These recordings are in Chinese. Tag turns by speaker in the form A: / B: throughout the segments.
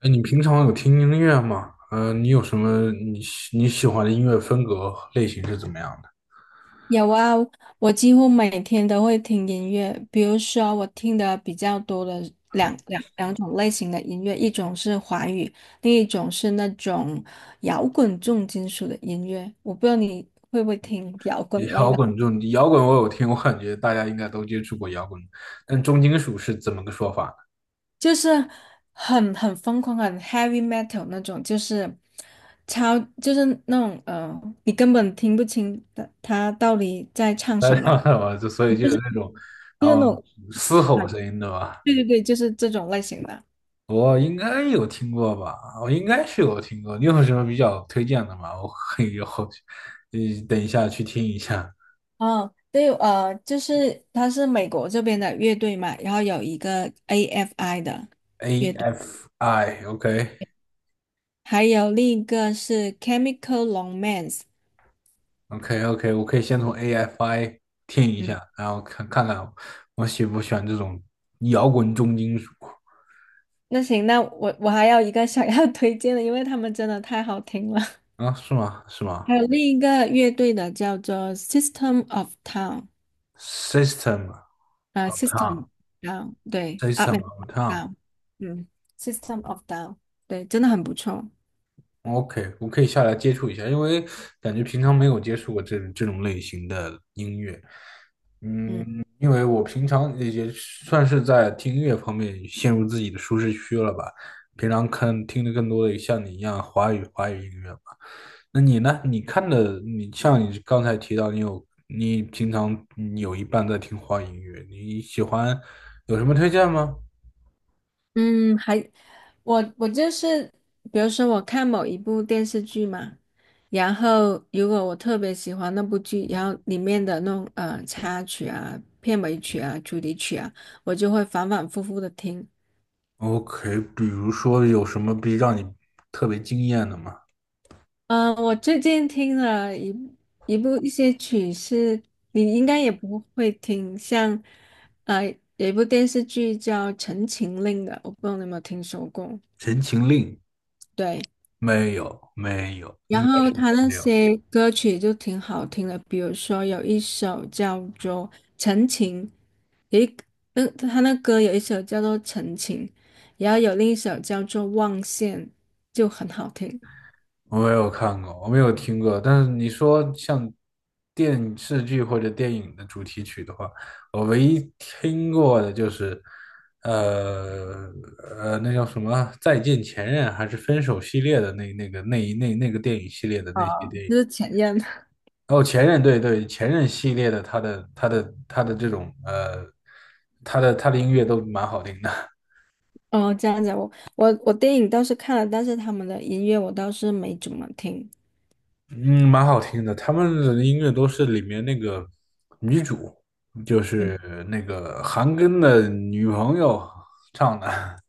A: 哎，你平常有听音乐吗？嗯，你有什么你喜欢的音乐风格和类型是怎么样的？
B: 有啊，我几乎每天都会听音乐，比如说我听的比较多的两种类型的音乐，一种是华语，另一种是那种摇滚重金属的音乐。我不知道你会不会听摇滚类
A: 摇
B: 的，
A: 滚这种摇滚我有听，我感觉大家应该都接触过摇滚，但重金属是怎么个说法呢？
B: 就是很疯狂、很 heavy metal 那种，就是超就是那种你根本听不清的他到底在唱
A: 大家
B: 什么，
A: 知道吧？所以
B: 就
A: 有
B: 是
A: 那种，然后嘶吼
B: 很
A: 声音的吧，
B: 对对对，就是这种类型的。
A: 我应该有听过吧？我应该是有听过。你有什么比较推荐的吗？我可以后，呃，等一下去听一下
B: 哦，对，就是他是美国这边的乐队嘛，然后有一个 AFI 的乐
A: AFI，OK。
B: 队，
A: AFI，OK，
B: 还有另一个是 Chemical Romance。
A: OK OK，我可以先从 AFI 听一
B: 嗯，
A: 下，然后看看我喜不喜欢这种摇滚重金属。
B: 那行，那我还有一个想要 推荐的，因为他们真的太好听了。
A: 啊？是吗？是吗
B: 还有另一个乐队的叫做 System of Down，
A: ？System
B: 啊
A: of
B: s y s t e m Down，对，Up
A: Town，System
B: and
A: of
B: Down，嗯，System of Down，对，真的很不错。
A: Town，OK，我可以下来接触一下，因为感觉平常没有接触过这种类型的音乐，
B: 嗯。
A: 因为我平常也算是在听音乐方面陷入自己的舒适区了吧，平常看听的更多的像你一样华语音乐。那你呢？你看的，像你刚才提到，你平常你有一半在听花语音乐，你喜欢有什么推荐吗
B: 嗯，还我就是，比如说我看某一部电视剧嘛，然后如果我特别喜欢那部剧，然后里面的那种插曲啊、片尾曲啊、主题曲啊，我就会反反复复的听。
A: ？OK，比如说有什么让你特别惊艳的吗？
B: 嗯、我最近听了一些曲是你应该也不会听，像呃有一部电视剧叫《陈情令》的，我不知道你有没有听说过？
A: 《陈情令》？
B: 对。
A: 没有，没有，应
B: 然
A: 该
B: 后他那
A: 没有。
B: 些歌曲就挺好听的，比如说有一首叫做《陈情》，有一那他那歌有一首叫做《陈情》，然后有另一首叫做《望线》，就很好听。
A: 我没有看过，我没有听过。但是你说像电视剧或者电影的主题曲的话，我唯一听过的就是，呃那叫什么《再见前任》还是《分手》系列的那那个那一那那个电影系列的
B: 哦，
A: 那些电影。
B: 就是前任。
A: 哦，前任，对对，前任系列的，他的这种他的音乐都蛮好听的。
B: 哦，这样子，我电影倒是看了，但是他们的音乐我倒是没怎么听。
A: 嗯，蛮好听的。他们的音乐都是里面那个女主，就
B: 嗯，
A: 是那个韩庚的女朋友唱的。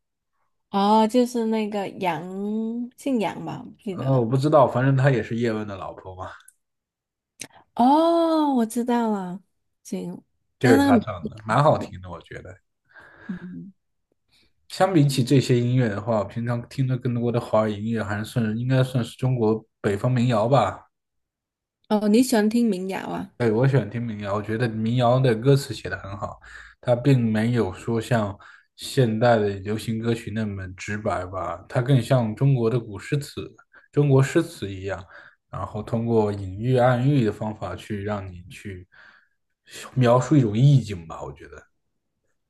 B: 哦，就是那个杨，姓杨吧，我不记得
A: 我
B: 了。
A: 不知道，反正她也是叶问的老婆嘛，
B: 哦，我知道了，行，
A: 就是
B: 但那个
A: 她
B: 名
A: 唱的，
B: 字。
A: 蛮好听的。我觉得，
B: 嗯
A: 相比起这些音乐的话，我平常听的更多的华语音乐还是算应该算是中国北方民谣吧。
B: 哦，你喜欢听民谣啊？
A: 对，我喜欢听民谣，我觉得民谣的歌词写得很好，它并没有说像现代的流行歌曲那么直白吧，它更像中国的古诗词、中国诗词一样，然后通过隐喻、暗喻的方法去让你去描述一种意境吧，我觉得。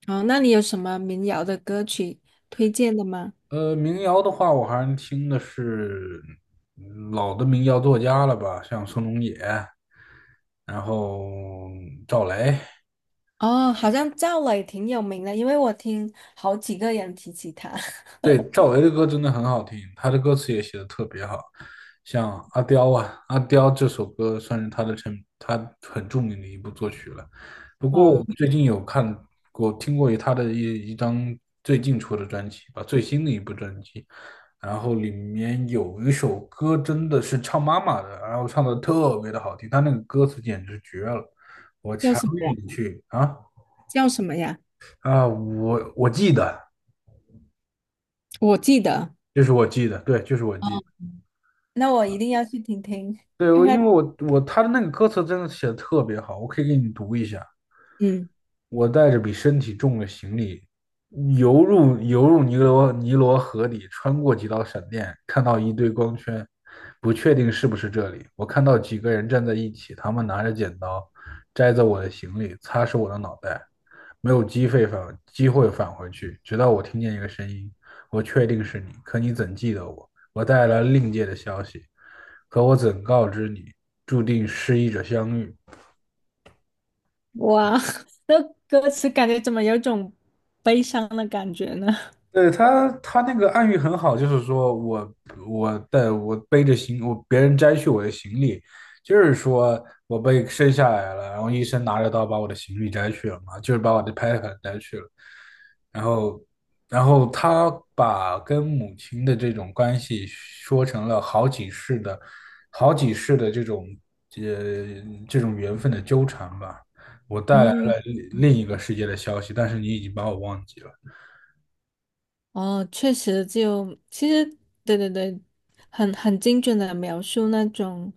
B: 哦，那你有什么民谣的歌曲推荐的吗？
A: 民谣的话，我还是听的是老的民谣作家了吧，像宋冬野，然后赵雷。
B: 哦，好像赵雷挺有名的，因为我听好几个人提起他。
A: 对，赵薇的歌真的很好听，她的歌词也写的特别好，像《阿刁》啊，《阿刁》这首歌算是她很著名的一部作曲了。不过我
B: 哦，
A: 最近有看过、听过她的一张最近出的专辑吧，最新的一部专辑，然后里面有一首歌真的是唱妈妈的，然后唱的特别的好听，他那个歌词简直绝了，我
B: 叫
A: 强
B: 什么
A: 烈
B: 呀？
A: 你去啊！
B: 叫什么呀？
A: 啊，我记得，
B: 我记得，
A: 就是我记得，对，就是我记得。
B: 哦，那我一定要去听听，
A: 对，
B: 看
A: 我
B: 看。
A: 因为我我他的那个歌词真的写的特别好，我可以给你读一下。
B: 嗯，
A: 我带着比身体重的行李，游入尼罗河里，穿过几道闪电，看到一堆光圈，不确定是不是这里。我看到几个人站在一起，他们拿着剪刀，摘走我的行李，擦拭我的脑袋。没有机会返回去，直到我听见一个声音，我确定是你，可你怎记得我？我带来了另界的消息，可我怎告知你，注定失意者相遇。
B: 哇，这歌词，感觉怎么有种悲伤的感觉呢？
A: 对他，他那个暗喻很好，就是说我别人摘去我的行李，就是说我被生下来了，然后医生拿着刀把我的行李摘去了嘛，就是把我的胎盘摘去了，然后然后他把跟母亲的这种关系说成了好几世的这种缘分的纠缠吧，我带来
B: 嗯，
A: 了另一个世界的消息，但是你已经把我忘记了。
B: 哦，确实就，其实对对对，很精准的描述那种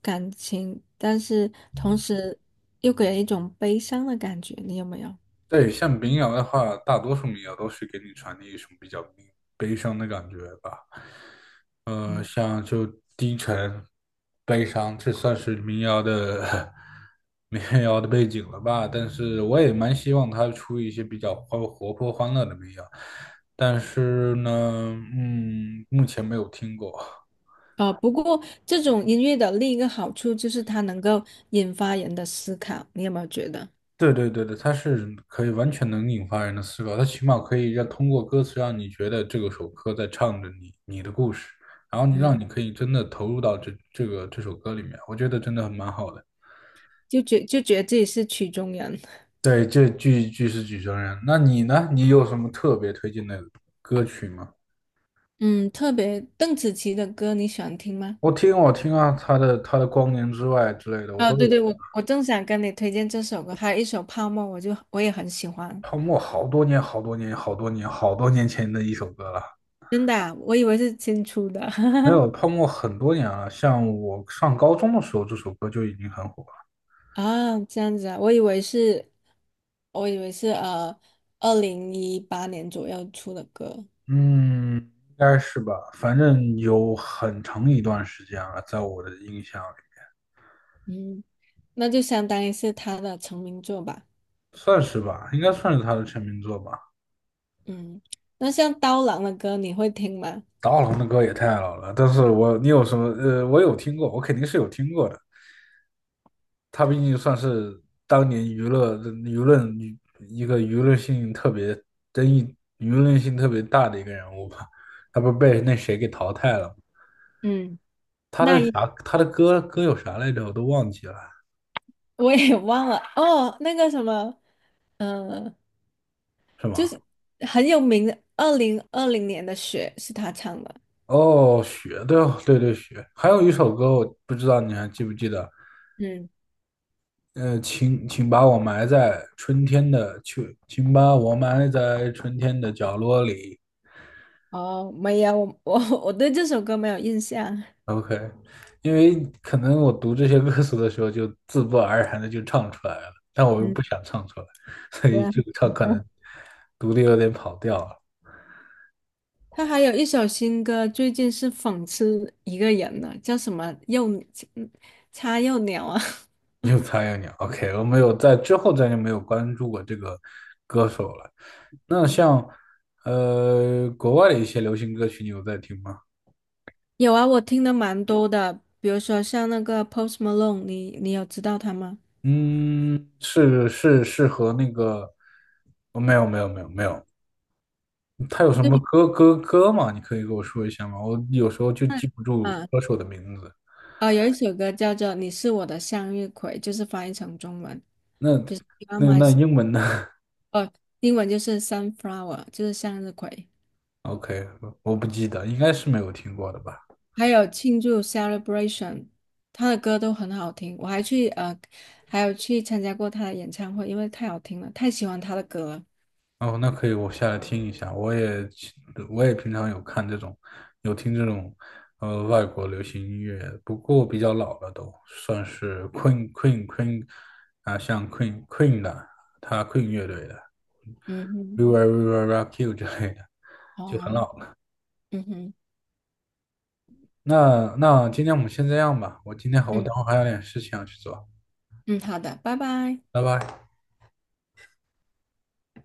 B: 感情，但是同时又给人一种悲伤的感觉，你有没有？
A: 对，像民谣的话，大多数民谣都是给你传递一种比较悲伤的感觉吧。
B: 嗯，
A: 像就低沉、悲伤，这算是民谣的 民谣的背景了吧？但是我也蛮希望他出一些比较欢活泼、欢乐的民谣，但是呢，嗯，目前没有听过。
B: 不过这种音乐的另一个好处就是它能够引发人的思考，你有没有觉得？
A: 对对对对，它是可以完全能引发人的思考，它起码可以通过歌词让你觉得这个首歌在唱着你的故事，然后你
B: 嗯，
A: 让你可以真的投入到这首歌里面，我觉得真的蛮好的。
B: 就觉得自己是曲中人。
A: 对，这句是举证人。那你呢？你有什么特别推荐的歌曲吗？
B: 嗯，特别邓紫棋的歌你喜欢听吗？
A: 我听啊，他的《光年之外》之类的，我
B: 啊，
A: 都
B: 对
A: 有
B: 对，
A: 听。
B: 我正想跟你推荐这首歌，还有一首《泡沫》，我也很喜欢。
A: 泡沫好多年好多年好多年好多年前的一首歌了。
B: 真的啊我以为是新出的。
A: 没有，泡沫很多年了，像我上高中的时候，这首歌就已经很火。
B: 啊，这样子啊，我以为是2018年左右出的歌，
A: 嗯，应该是吧，反正有很长一段时间了，在我的印象里，
B: 嗯，那就相当于是他的成名作吧，
A: 算是吧，应该算是他的成名作吧。
B: 嗯，那像刀郎的歌你会听吗？
A: 达瓦的歌也太老了，但是你有什么？我有听过，我肯定是有听过的。他毕竟算是当年娱乐舆论一个舆论性特别争议、舆论性特别大的一个人物吧。他不是被那谁给淘汰了吗？
B: 嗯，
A: 他的
B: 那一
A: 啥？他的歌有啥来着？我都忘记了，
B: 我也 忘了哦，那个什么，呃，
A: 是
B: 就
A: 吗？
B: 是很有名的，2020年的雪是他唱的，
A: 哦，雪，对哦，对对，雪。还有一首歌，我不知道你还记不记得？
B: 嗯，
A: 请把我埋在春天的秋，请把我埋在春天的角落里。
B: 哦，没有，我对这首歌没有印象，
A: OK，因为可能我读这些歌词的时候，就自不而然的就唱出来了，但我又
B: 嗯，
A: 不想唱出来，所
B: 对
A: 以
B: 啊
A: 可能读的有点跑调。
B: 他还有一首新歌，最近是讽刺一个人呢，叫什么幼嗯叉幼鸟啊？
A: 有苍蝇你 OK 我没有在之后再就没有关注过这个歌手了。那
B: 嗯
A: 像国外的一些流行歌曲，你有在听吗？
B: 有啊，我听的蛮多的，比如说像那个 Post Malone，你有知道他吗？
A: 嗯，是是是和那个，哦没有没有没有没有，他有什么
B: 对，
A: 歌吗？你可以给我说一下吗？我有时候就
B: 那
A: 记不住
B: 啊
A: 歌手的名字。
B: 啊 有一首歌叫做《你是我的向日葵》，就是翻译成中文
A: 那
B: 就是 You are
A: 那
B: my
A: 那
B: sun-
A: 英文呢
B: 哦，英文就是 sunflower，就是向日葵。
A: ？OK，我不记得，应该是没有听过的吧。
B: 还有庆祝 Celebration，他的歌都很好听，我还去呃，还有去参加过他的演唱会，因为太好听了，太喜欢他的歌了。
A: 哦，那可以，我下来听一下。我也平常有看这种，有听这种，外国流行音乐，不过比较老了都，算是 Queen 啊，像 Queen 的，他 Queen 乐队的，
B: 嗯哼，
A: We w i l e Rock You 之类的，就很
B: 哦，
A: 老了。
B: 嗯哼，
A: 那今天我们先这样吧，我今天我
B: 嗯
A: 等会儿还有点事情要去做，
B: 嗯，好的，拜拜。
A: 拜拜。